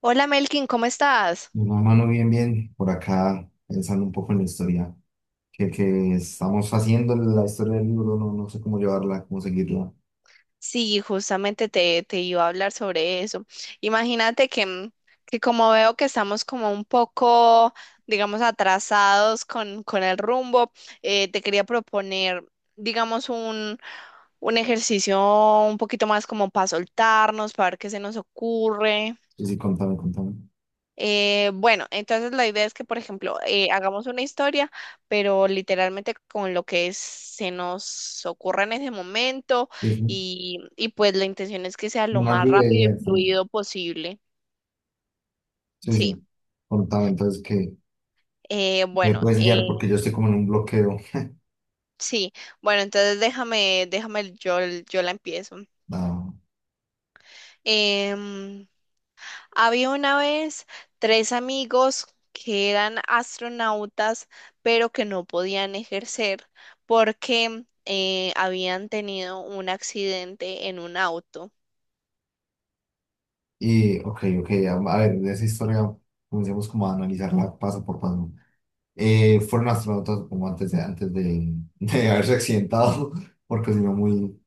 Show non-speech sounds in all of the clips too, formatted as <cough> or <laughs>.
Hola Melkin, ¿cómo estás? No, mano, bien, bien. Por acá, pensando un poco en la historia que estamos haciendo, la historia del libro, no, no sé cómo llevarla, cómo seguirla. Sí, justamente te iba a hablar sobre eso. Imagínate que como veo que estamos como un poco, digamos, atrasados con el rumbo, te quería proponer, digamos, un ejercicio un poquito más como para soltarnos, para ver qué se nos ocurre. Sí, sí, contame, contame. Bueno, entonces la idea es que, por ejemplo, hagamos una historia, pero literalmente con lo que se nos ocurra en ese momento Sí, sí. y pues la intención es que sea lo Una más lluvia de rápido ideas y también. fluido posible. Sí, Sí. sí. Contame, entonces, que Eh, me bueno, puedes guiar eh, porque yo estoy como en un bloqueo. sí. Bueno, entonces yo la empiezo. Ah, Em, Había una vez tres amigos que eran astronautas, pero que no podían ejercer porque habían tenido un accidente en un auto. Ok, ok, a ver, de esa historia comencemos como a analizarla paso por paso. Fueron astronautas como antes de, <laughs> de haberse accidentado, porque si no, muy,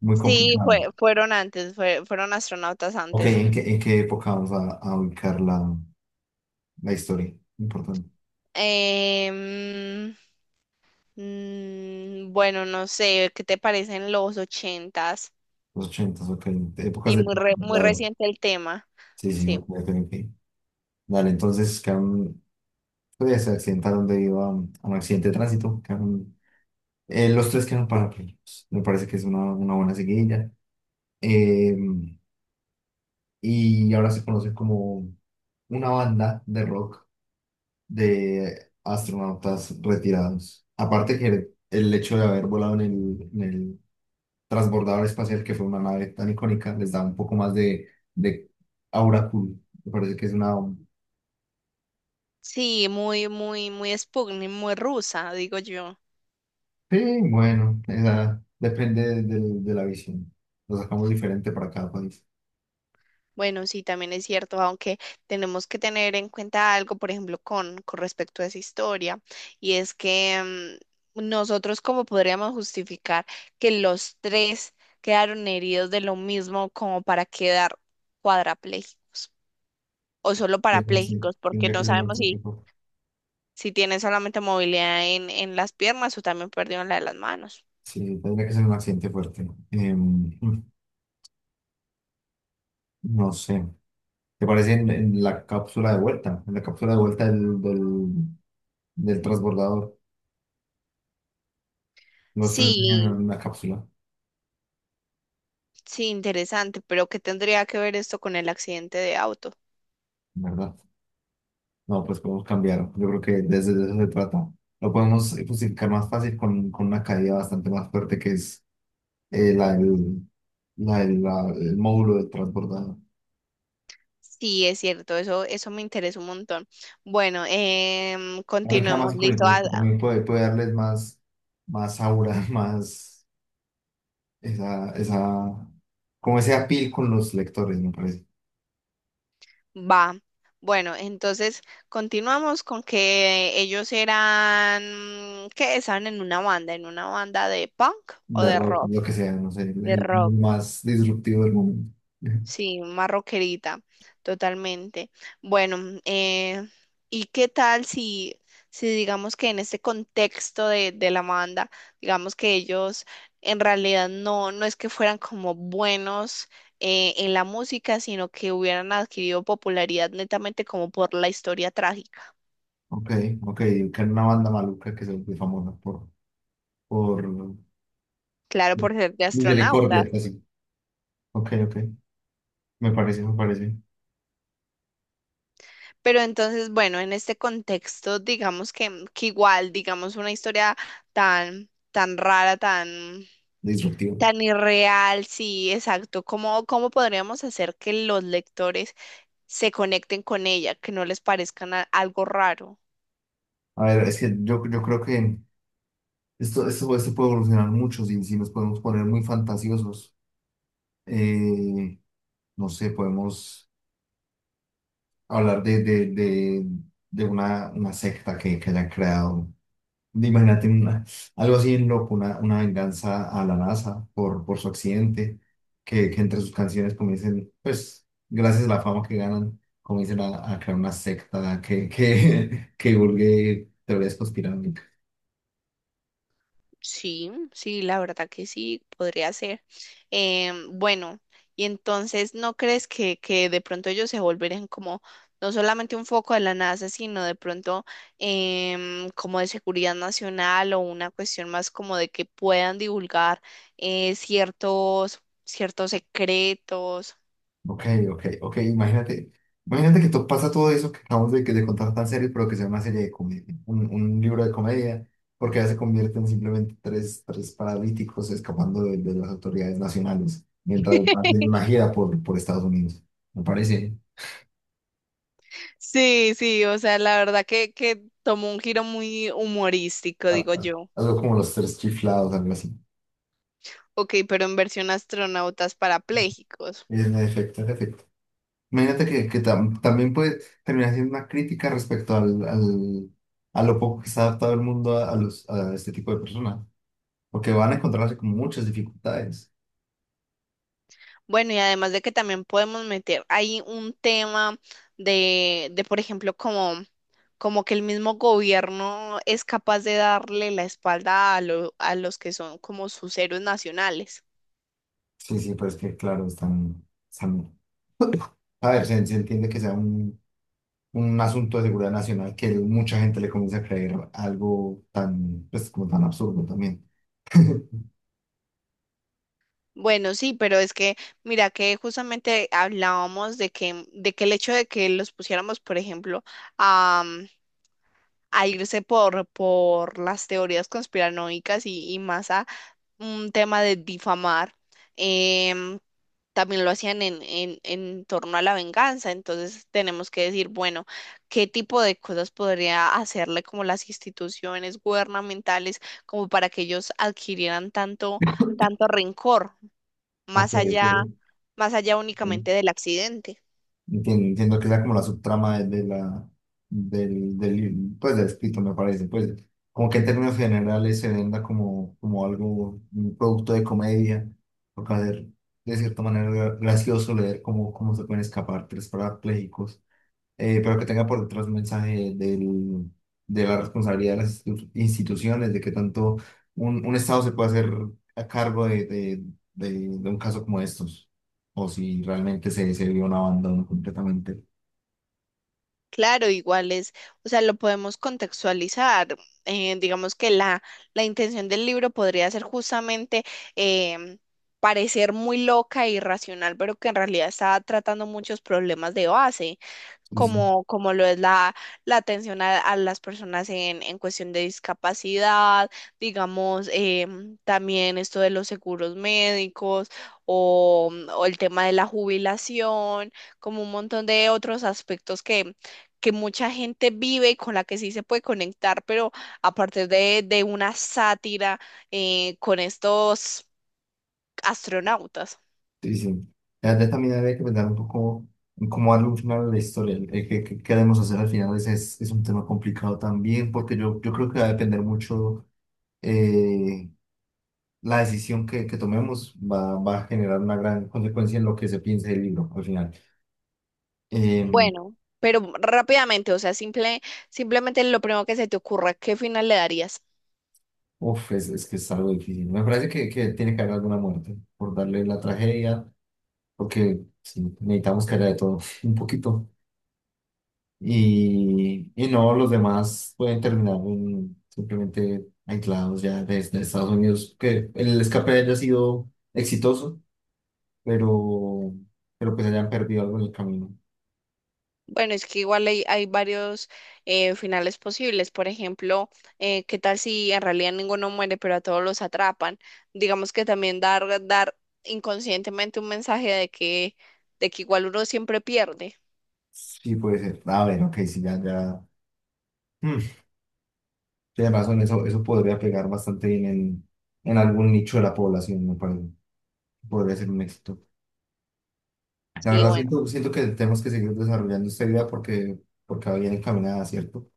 muy Sí, complicado. fueron antes, fueron astronautas Ok, antes. En qué época vamos a ubicar la historia? Importante. Em, bueno, no sé, ¿qué te parecen los ochentas? Los ochentas, ok. Épocas Sí, del muy, muy pasado. reciente el tema, Sí, sí, sí. ok, ok, ok. Dale, entonces quedaron, pues, se accidentaron debido a un accidente de tránsito. Los tres quedaron parapléjicos. Me parece que es una buena seguidilla. Eh, y ahora se conoce como una banda de rock de astronautas retirados. Aparte que el hecho de haber volado en el, transbordador espacial, que fue una nave tan icónica, les da un poco más de aura cool. Me parece que es una... Sí, muy Sputnik, muy rusa, digo yo. Sí, bueno, depende de la visión. Lo sacamos diferente para cada país. Bueno, sí, también es cierto, aunque tenemos que tener en cuenta algo, por ejemplo, con respecto a esa historia, y es que nosotros cómo podríamos justificar que los tres quedaron heridos de lo mismo como para quedar cuadrapléjicos o solo Es un accidente, parapléjicos, porque tendría que no ser un sabemos si, accidente fuerte. si tienen solamente movilidad en las piernas o también perdieron la de las manos. Sí, tendría que ser un accidente fuerte. No sé. ¿Te parece en la cápsula de vuelta? En la cápsula de vuelta del transbordador. Los tres venían en Sí, una cápsula, sí, interesante, pero ¿qué tendría que ver esto con el accidente de auto? ¿verdad? No, pues podemos cambiar. Yo creo que desde de eso se trata. Lo podemos justificar más fácil con una caída bastante más fuerte que es eh, la, del- el módulo del transbordador. Sí, es cierto, eso me interesa un montón. Bueno, A mí queda continuemos, más listo, icónico, porque también puede darles más, más aura, <laughs> más esa, esa, como ese appeal con los lectores, me parece. va. Bueno, entonces continuamos con que ellos eran, que estaban en una banda de punk o De de rock, lo rock. que sea, no sé, De el rock. más disruptivo del momento. <laughs> Sí, más rockerita, totalmente. Bueno, mm, eh, ¿Y qué tal si, si digamos que en este contexto de la banda, digamos que ellos en realidad no, no es que fueran como buenos en la música, sino que hubieran adquirido popularidad netamente como por la historia trágica? Ok, ok, que era una banda maluca que se volvió famosa por Claro, por ser de misericordia. astronautas. Ok, ok. Me parece Pero entonces, bueno, en este contexto, digamos que igual, digamos, una historia tan rara, tan, disruptivo. tan irreal, sí, exacto. ¿Cómo, cómo podríamos hacer que los lectores se conecten con ella, que no les parezca algo raro? A ver, es que yo creo que esto puede evolucionar mucho si nos podemos poner muy fantasiosos. Eh, no sé, podemos hablar de una secta que hayan creado. Imagínate algo así en loco, una venganza a la NASA por su accidente, que entre sus canciones comiencen, pues, gracias a la fama que ganan, comiencen a crear una secta <laughs> que divulgue teorías conspiranoicas. Sí, sí, la verdad que sí, podría ser. Bueno, y entonces, ¿no crees que de pronto ellos se volverían como no solamente un foco de la NASA, sino de pronto como de seguridad nacional o una cuestión más como de que puedan divulgar ciertos, ciertos secretos? Ok, ok, ok, imagínate que pasa todo eso que acabamos de contar tan serio, pero que sea una serie de comedia, un libro de comedia, porque ya se convierten simplemente tres paralíticos escapando de las autoridades nacionales mientras hacen una <laughs> gira por Estados Unidos. Me parece Sí, sí, o sea, la verdad que tomó un giro muy humorístico, a- digo a- yo. algo como los tres chiflados, algo así. Ok, pero en versión astronautas parapléjicos. En efecto, en efecto. Imagínate que también puede terminar siendo una crítica respecto a lo poco que está adaptado el mundo a este tipo de personas. Porque van a encontrarse con muchas dificultades. Bueno, y además de que también podemos meter ahí un tema de por ejemplo, como, como que el mismo gobierno es capaz de darle la espalda a, a los que son como sus héroes nacionales. Sí, sí, pues que claro, están, están, a ver, se entiende que sea un asunto de seguridad nacional que mucha gente le comienza a creer algo tan, pues, como tan absurdo también. <laughs> Bueno, sí, pero es que, mira, que justamente hablábamos de que el hecho de que los pusiéramos, por ejemplo, a, a irse por las teorías conspiranoicas y más a un tema de difamar, em, también lo hacían en torno a la venganza. Entonces tenemos que decir, bueno, qué tipo de cosas podría hacerle como las instituciones gubernamentales como para que ellos adquirieran tanto, tanto rencor, Ok, más allá, más allá ok. únicamente del accidente. Entiendo que sea como la subtrama de la, del, del, pues, del escrito, me parece. Pues, como que en términos generales se venda como algo, un producto de comedia, porque hacer de cierta manera gracioso leer cómo se pueden escapar tres parapléjicos, pero que tenga por detrás un mensaje de la responsabilidad de las instituciones, de que tanto un Estado se puede hacer a cargo de un caso como estos, o si realmente se vio un abandono completamente. Claro, igual es, o sea, lo podemos contextualizar. Digamos que la intención del libro podría ser justamente em, parecer muy loca e irracional, pero que en realidad está tratando muchos problemas de base Entonces, como, como lo es la atención a las personas en cuestión de discapacidad, digamos, también esto de los seguros médicos o el tema de la jubilación, como un montón de otros aspectos que mucha gente vive y con la que sí se puede conectar, pero a partir de una sátira con estos astronautas. sí, sí. La verdad también habría que pensar un poco en cómo darle un final a la historia. Qué queremos hacer al final? Ese es un tema complicado también, porque yo creo que va a depender mucho. eh, la decisión que tomemos va a generar una gran consecuencia en lo que se piense del libro al final. Eh, Bueno, pero rápidamente, o sea, simple, simplemente lo primero que se te ocurra, ¿qué final le darías? Uf, es que es algo difícil. Me parece que tiene que haber alguna muerte por darle la tragedia, porque sí, necesitamos que haya de todo <laughs> un poquito. Y no, los demás pueden terminar simplemente aislados ya desde Estados Unidos, que el escape haya sido exitoso, pero, pues hayan perdido algo en el camino. Bueno, es que igual hay, hay varios finales posibles. Por ejemplo, ¿qué tal si en realidad ninguno muere, pero a todos los atrapan? Digamos que también dar inconscientemente un mensaje de que igual uno siempre pierde. Sí, puede ser. A ver, ok, sí, ya, ya. Mm. Sí, además, son eso podría pegar bastante bien en algún nicho de la población, me parece. Podría ser un éxito. La Sí, verdad, bueno, siento que tenemos que seguir desarrollando esta idea porque va bien encaminada, ¿cierto?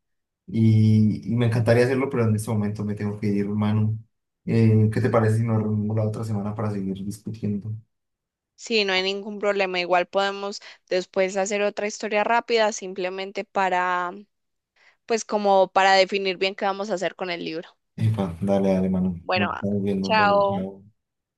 Y me encantaría hacerlo, pero en este momento me tengo que ir, Manu. ¿Qué te parece si nos reunimos la otra semana para seguir discutiendo? sí, no hay ningún problema. Igual podemos después hacer otra historia rápida, simplemente para, pues como para definir bien qué vamos a hacer con el libro. Epa, dale, dale, Manu. Nos Bueno, estamos viendo, dale, chao. chao.